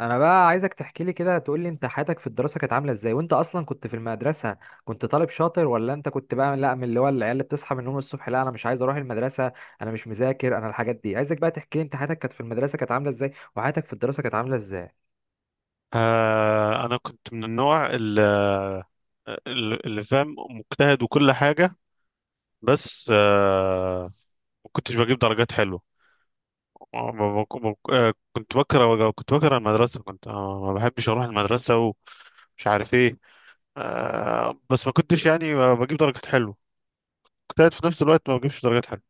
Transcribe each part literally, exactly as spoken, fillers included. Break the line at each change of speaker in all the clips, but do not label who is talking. انا بقى عايزك تحكي لي كده، تقول لي انت حياتك في الدراسه كانت عامله ازاي، وانت اصلا كنت في المدرسه كنت طالب شاطر، ولا انت كنت بقى لا من اللي هو العيال اللي بتصحى من النوم الصبح لا انا مش عايز اروح المدرسه، انا مش مذاكر، انا الحاجات دي. عايزك بقى تحكي لي انت حياتك كانت في المدرسه كانت عامله ازاي، وحياتك في الدراسه كانت عامله ازاي؟
آه أنا كنت من النوع اللي, اللي فاهم، مجتهد وكل حاجة. بس آه ما كنتش بجيب درجات حلوة. ما- ما- ما- ما- آه، كنت بكره كنت بكره المدرسة، كنت آه، ما بحبش أروح المدرسة ومش عارف إيه. آه بس ما كنتش يعني بجيب درجات حلوة. مجتهد في نفس الوقت ما بجيبش درجات حلوة.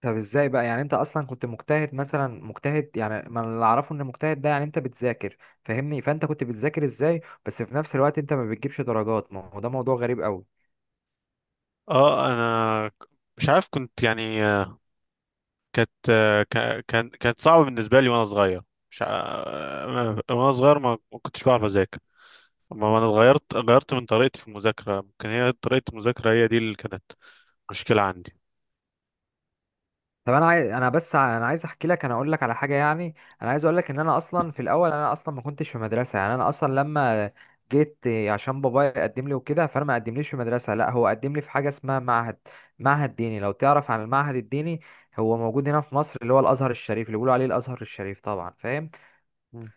طب ازاي بقى يعني انت اصلا كنت مجتهد، مثلا مجتهد يعني، ما اللي اعرفه ان مجتهد ده يعني انت بتذاكر، فاهمني؟ فانت كنت بتذاكر ازاي بس في نفس الوقت انت ما بتجيبش درجات؟ ما هو ده موضوع غريب قوي.
اه أنا مش عارف، كنت يعني آه، كانت كا- كان كانت صعبة بالنسبة لي وأنا صغير. مش ع- وأنا صغير ما ما كنتش بعرف أذاكر. أما أنا اتغيرت غيرت من طريقتي في المذاكرة. ممكن هي طريقة المذاكرة هي دي اللي كانت مشكلة عندي.
طب انا عايز انا بس ع- انا عايز احكي لك، انا اقول لك على حاجه يعني. انا عايز اقول لك ان انا اصلا في الاول انا اصلا ما كنتش في مدرسه، يعني انا اصلا لما جيت إيه، عشان بابايا قدم لي وكده فانا ما قدمليش في مدرسه، لا هو قدم لي في حاجه اسمها معهد، معهد ديني، لو تعرف عن المعهد الديني. هو موجود هنا في مصر اللي هو الازهر الشريف، اللي بيقولوا عليه الازهر الشريف طبعا، فاهم؟
مم.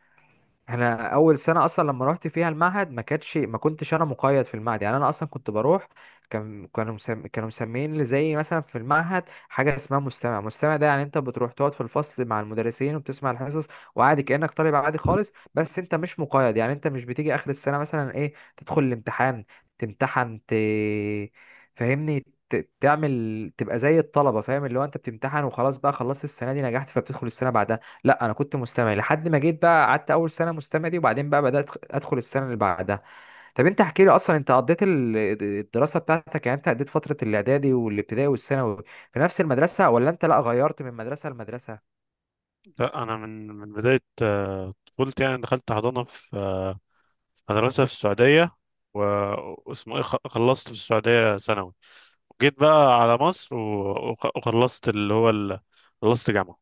انا اول سنه اصلا لما رحت فيها المعهد ما كانتش ما كنتش انا مقيد في المعهد، يعني انا اصلا كنت بروح كان كانوا مسم... كانوا مسميين لي زي مثلا في المعهد حاجه اسمها مستمع. مستمع ده يعني انت بتروح تقعد في الفصل مع المدرسين وبتسمع الحصص وعادي كانك طالب عادي خالص، بس انت مش مقيد، يعني انت مش بتيجي اخر السنه مثلا ايه تدخل الامتحان تمتحن ت... فاهمني، ت- تعمل تبقى زي الطلبه، فاهم؟ اللي هو انت بتمتحن وخلاص بقى، خلصت السنه دي نجحت فبتدخل السنه بعدها. لا انا كنت مستمع لحد ما جيت بقى قعدت اول سنه مستمع دي، وبعدين بقى بدات ادخل السنه اللي بعدها. طب انت احكي لي اصلا، انت قضيت ال- الدراسه بتاعتك يعني، انت قضيت فتره الاعدادي والابتدائي والثانوي في نفس المدرسه، ولا انت لا غيرت من مدرسه لمدرسه؟
لا، أنا من من بداية آه، طفولتي، يعني دخلت حضانة في آه، في مدرسة في السعودية. و- واسمه إيه، خ- خلصت في السعودية ثانوي، وجيت بقى على مصر و- وخ- وخلصت اللي هو ال- خلصت جامعة.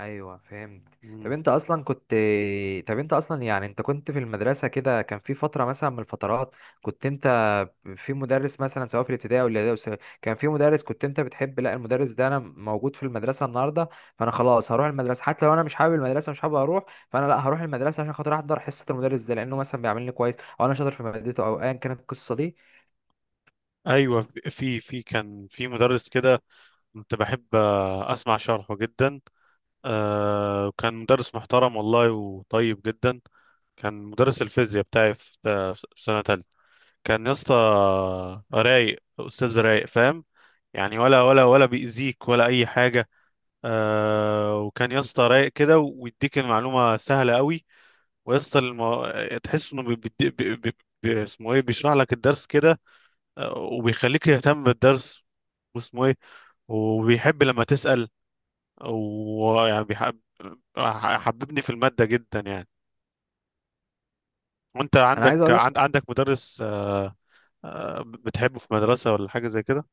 ايوه فهمت. طب
مم.
انت اصلا كنت طب انت اصلا يعني انت كنت في المدرسه كده، كان في فتره مثلا من الفترات كنت انت في مدرس مثلا، سواء في الابتدائي او الاعدادي أو الثانوي، كان في مدرس كنت انت بتحب، لا المدرس ده انا موجود في المدرسه النهارده، فانا خلاص هروح المدرسه حتى لو انا مش حابب المدرسه، مش حابب اروح، فانا لا هروح المدرسه عشان خاطر احضر حصه المدرس ده، لانه مثلا بيعاملني كويس، او انا شاطر في مادته، او ايا كانت القصه دي.
أيوة، في في في كان في مدرس كده كنت بحب آه، أسمع شرحه جدا. آه، وكان مدرس محترم والله وطيب جدا. كان مدرس الفيزياء بتاعي في في سنة تالتة. كان يا اسطى رايق، أستاذ رايق فاهم، يعني ولا ولا ولا بيأذيك ولا أي حاجة. آه وكان يا اسطى رايق كده، ويديك المعلومة سهلة قوي. ويا اسطى المو... تحس إنه بي... بي... بي... بي... بي- اسمه إيه، بيشرح لك الدرس كده. آه، وبيخليك يهتم بالدرس، واسمه إيه، وبيحب لما تسأل، ويعني بيحب حببني في المادة جدا يعني. وانت
انا
عندك،
عايز اقول
عند عندك مدرس آه، آه، بتحبه في مدرسة ولا حاجة زي كده؟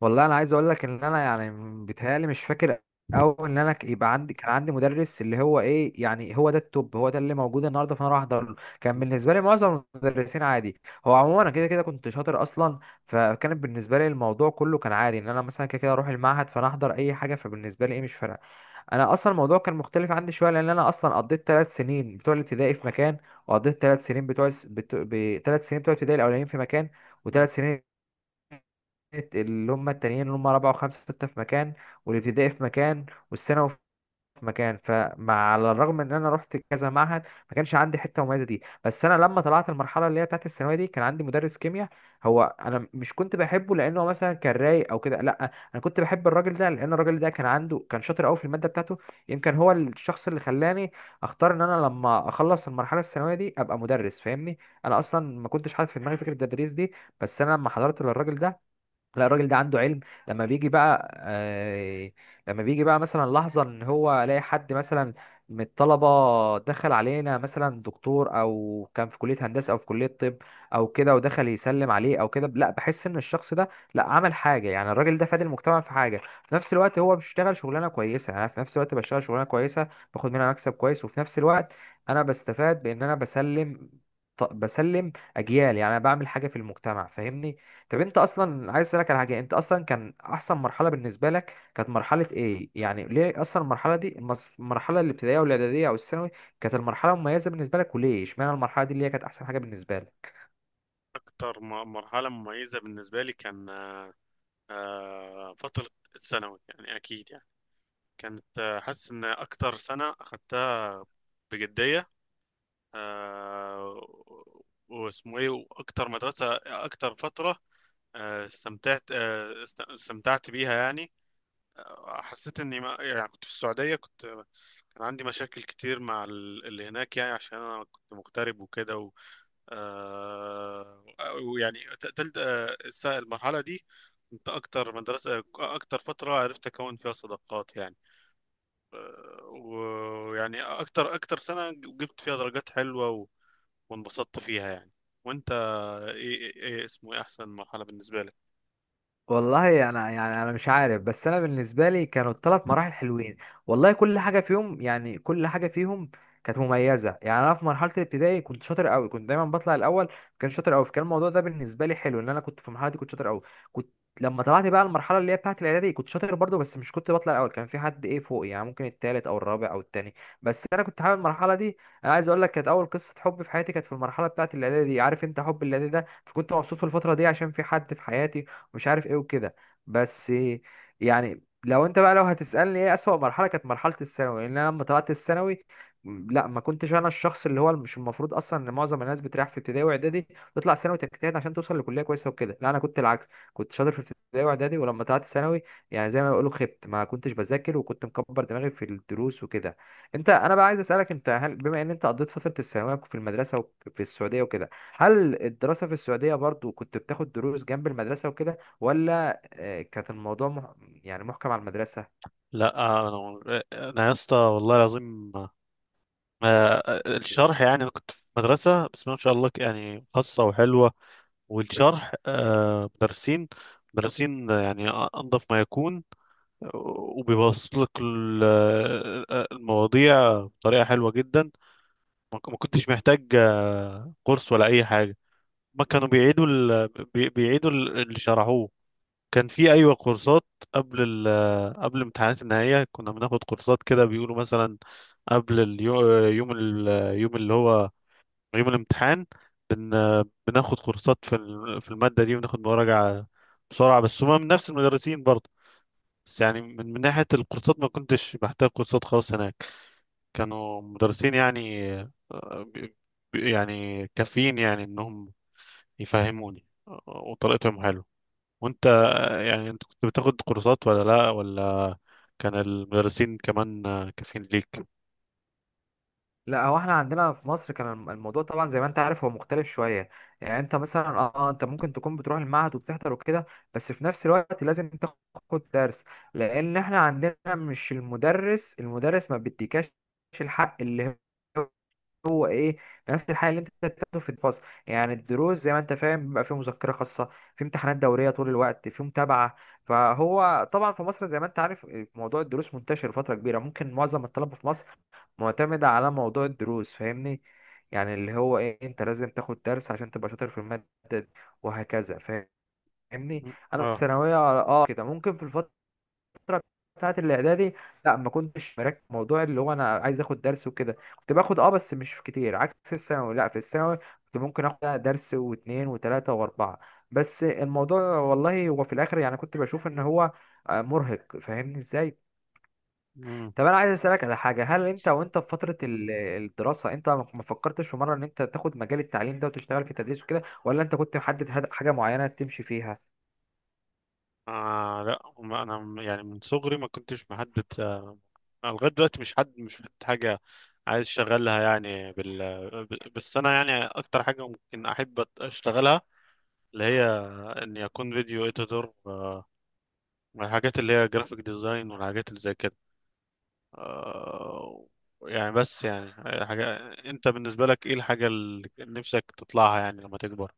والله انا عايز اقول لك ان انا يعني بيتهيألي مش فاكر، او ان انا ك- يبقى عندي كان عندي مدرس اللي هو ايه يعني، هو ده التوب، هو ده اللي موجود النهارده فانا راح احضر له. كان بالنسبه لي معظم المدرسين عادي، هو عموما انا كده كده كنت شاطر اصلا، فكان بالنسبه لي الموضوع كله كان عادي ان انا مثلا كده كده اروح المعهد، فانا احضر اي حاجه، فبالنسبه لي ايه مش فارقه. انا اصلا الموضوع كان مختلف عندي شويه لان انا اصلا قضيت ثلاث سنين بتوع الابتدائي في مكان، وقضيت ثلاث سنين بتوع الس- بتو... ب... ثلاث سنين بتوع الابتدائي الاولانيين في مكان،
مم.
وثلاث سنين اللي هم التانيين اللي هم رابعة وخمسة وستة في مكان، والابتدائي في مكان، والثانوي في مكان. فمع على الرغم ان انا رحت كذا معهد ما كانش عندي حته مميزه دي، بس انا لما طلعت المرحله اللي هي بتاعت الثانويه دي كان عندي مدرس كيمياء، هو انا مش كنت بحبه لانه هو مثلا كان رايق او كده، لا انا كنت بحب الراجل ده لان الراجل ده كان عنده كان شاطر قوي في الماده بتاعته. يمكن هو الشخص اللي خلاني اختار ان انا لما اخلص المرحله الثانويه دي ابقى مدرس، فاهمني؟ انا اصلا ما كنتش حاطط في دماغي فكره التدريس دي، بس انا لما حضرت للراجل ده، لا الراجل ده عنده علم، لما بيجي بقى آه لما بيجي بقى مثلا لحظة ان هو الاقي حد مثلا من الطلبة دخل علينا مثلا دكتور، او كان في كلية هندسة او في كلية طب او كده، ودخل يسلم عليه او كده، لا بحس ان الشخص ده لا عمل حاجة، يعني الراجل ده فاد المجتمع في حاجة، في نفس الوقت هو بيشتغل شغلانة كويسة، انا في نفس الوقت بشتغل شغلانة كويسة، باخد منها مكسب كويس، وفي نفس الوقت انا بستفاد بان انا بسلم بسلم اجيال، يعني انا بعمل حاجة في المجتمع، فاهمني؟ طب انت اصلا عايز اسالك على حاجه، انت اصلا كان احسن مرحله بالنسبه لك كانت مرحله ايه يعني؟ ليه اصلا المرحله دي المس- المرحله الابتدائيه والاعداديه او الثانوي كانت المرحله المميزه بالنسبه لك، وليه اشمعنى المرحله دي اللي هي كانت احسن حاجه بالنسبه لك؟
أكتر م- مرحلة مميزة بالنسبة لي كان آه، فترة الثانوي، يعني أكيد. يعني كانت آه، حاسس إن أكتر سنة أخدتها بجدية، آه، واسمه إيه، وأكتر مدرسة، أكتر فترة آه، استمتعت آه، است- استمتعت بيها يعني. حسيت اني، ما يعني كنت في السعودية، كنت كان عندي مشاكل كتير مع ال- اللي هناك، يعني عشان انا كنت مغترب وكده و... آه... ويعني ت- تلت آه، الس- المرحلة دي كنت اكتر مدرسة، اكتر فترة عرفت اكون فيها صداقات يعني. ويعني اكتر اكتر سنة جبت فيها درجات حلوة، و... وانبسطت فيها يعني. وانت، ايه, إيه إيه اسمه ايه احسن مرحلة بالنسبة لك؟
والله انا يعني انا مش عارف، بس انا بالنسبه لي كانوا الثلاث مراحل حلوين. والله كل حاجه فيهم يعني كل حاجه فيهم كانت مميزه. يعني انا في مرحله الابتدائي كنت شاطر قوي، كنت دايما بطلع الاول، كان شاطر قوي، فكان الموضوع ده بالنسبه لي حلو ان انا كنت في المرحله دي كنت شاطر قوي كنت. لما طلعت بقى المرحله اللي هي بتاعه الاعدادي كنت شاطر برضو، بس مش كنت بطلع الاول، كان في حد ايه فوقي، يعني ممكن التالت او الرابع او التاني، بس انا كنت حابب المرحله دي. انا عايز اقول لك كانت اول قصه حب في حياتي كانت في المرحله بتاعه الاعدادي دي، عارف انت حب الاعدادي ده، فكنت مبسوط في الفتره دي عشان في حد في حياتي، ومش عارف ايه وكده. بس يعني، لو انت بقى لو هتسألني ايه أسوأ مرحلة، كانت مرحلة الثانوي، لان انا لما طلعت الثانوي، م- لا ما كنتش انا الشخص اللي هو، مش المفروض اصلا ان معظم الناس بتريح في ابتدائي واعدادي، تطلع ثانوي تجتهد عشان توصل لكلية كويسة وكده، لا انا كنت العكس، كنت شاطر في ابتدائي واعدادي، ولما طلعت ثانوي يعني زي ما بيقولوا خبت، ما كنتش بذاكر وكنت مكبر دماغي في الدروس وكده. انت انا بقى عايز اسالك، انت هل بما ان انت قضيت فتره الثانويه في المدرسه وفي السعوديه وكده، هل الدراسه في السعوديه برضو كنت بتاخد دروس جنب المدرسه وكده، ولا آه، كانت الموضوع مح... يعني محكم على المدرسة؟
لا، انا انا يا اسطى والله العظيم، آه، الشرح يعني، انا كنت في مدرسه بسم الله ما شاء الله يعني، خاصه وحلوه، والشرح آه، مدرسين مدرسين يعني انظف ما يكون، وبيبسط لك ال- آه، المواضيع بطريقه حلوه جدا. ما ك- ما كنتش محتاج آه، كورس ولا اي حاجه. ما كانوا بيعيدوا ال... بي- بيعيدوا ال- اللي شرحوه. كان في، ايوه، كورسات قبل ال... آه، قبل امتحانات النهائيه. كنا بناخد كورسات كده، بيقولوا مثلا قبل اليوم، يوم ال... آه، يوم اللي هو يوم الامتحان بن... بناخد كورسات في ال- في المادة دي، وناخد مراجعة بسرعة، بس هما من نفس المدرسين برضه. بس يعني من, من ناحية الكورسات، ما كنتش بحتاج كورسات خالص هناك. كانوا مدرسين يعني آه، ب- ب- يعني كافيين، يعني انهم يفهموني، آه، وطريقتهم حلوة. وانت آه، يعني انت كنت بتاخد كورسات ولا لا ولا كان المدرسين كمان آه، كافيين ليك؟
لا هو احنا عندنا في مصر كان الم- الموضوع طبعا زي ما انت عارف هو مختلف شوية، يعني انت مثلا اه آه، انت ممكن تكون بتروح المعهد وبتحضر وكده، بس في نفس الوقت لازم تاخد درس، لان احنا عندنا مش المدرس المدرس ما بيديكاش الحق اللي هو ايه، نفس الحاجه اللي انت بتاخده في الفصل، يعني الدروس زي ما انت فاهم بيبقى فيه مذكره خاصه، في امتحانات دوريه طول الوقت، في متابعه، فهو طبعا في مصر زي ما انت عارف موضوع الدروس منتشر فتره كبيره، ممكن معظم الطلبه في مصر معتمده على موضوع الدروس، فاهمني؟ يعني اللي هو ايه، انت لازم تاخد درس عشان تبقى شاطر في الماده دي، وهكذا، فاهمني؟
م-
انا في
اه
الثانويه اه كده ممكن، في الفتره الفترة بتاعت الإعدادي لا ما كنتش مركز في موضوع اللي هو أنا عايز آخد درس وكده، كنت باخد أه بس مش كتير، عكس الثانوي، لا في الثانوي كنت ممكن آخد درس واتنين وتلاتة وأربعة، بس الموضوع والله هو في الآخر يعني كنت بشوف إن هو آه، مرهق، فاهمني إزاي؟ طب أنا عايز أسألك على حاجة، هل أنت وأنت في فترة ال- الدراسة، أنت ما ما فكرتش في مرة إن أنت تاخد مجال التعليم ده وتشتغل في التدريس وكده، ولا أنت كنت محدد هد- حاجة معينة تمشي فيها؟
آه لا، ما انا م- يعني من صغري ما كنتش محدد آه، أنا لغايه دلوقتي مش حد، مش حد حاجه عايز اشتغلها يعني بال ب- بس انا يعني اكتر حاجه ممكن احب أت- اشتغلها، اللي هي اني اكون فيديو اديتور، الحاجات اللي هي جرافيك ديزاين والحاجات اللي زي كده. آه يعني، بس يعني حاجه. انت بالنسبه لك ايه الحاجه اللي نفسك تطلعها يعني لما تكبر؟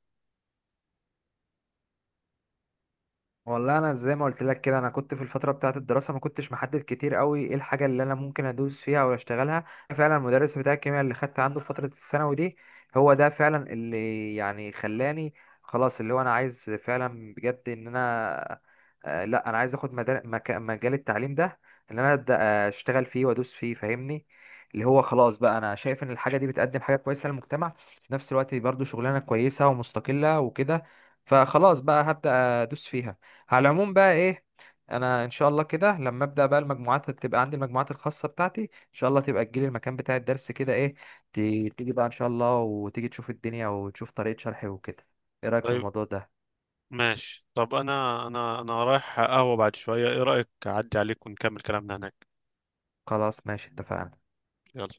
والله انا زي ما قلت لك كده انا كنت في الفتره بتاعه الدراسه ما كنتش محدد كتير قوي ايه الحاجه اللي انا ممكن ادوس فيها او اشتغلها، فعلا المدرس بتاع الكيمياء اللي خدت عنده في فتره الثانوي دي هو ده فعلا اللي يعني خلاني، خلاص اللي هو انا عايز فعلا بجد ان انا آه، لا انا عايز اخد مدار- مك- مجال التعليم ده، ان انا ابدا آه، اشتغل فيه وادوس فيه، فاهمني؟ اللي هو خلاص بقى، انا شايف ان الحاجه دي بتقدم حاجه كويسه للمجتمع، في نفس الوقت برضو شغلانه كويسه ومستقله وكده، فخلاص بقى هبدا ادوس فيها. على العموم بقى ايه، انا ان شاء الله كده لما ابدا بقى المجموعات تبقى عندي، المجموعات الخاصه بتاعتي ان شاء الله، تبقى تجيلي المكان بتاع الدرس كده، ايه ت- تيجي بقى ان شاء الله، وتيجي تشوف الدنيا وتشوف طريقه شرحي وكده، ايه رايك في
طيب،
الموضوع ده؟
ماشي. طب انا انا انا رايح قهوه بعد شويه، ايه رايك اعدي عليك ونكمل كلامنا هناك؟
خلاص، ماشي، اتفقنا.
يلا.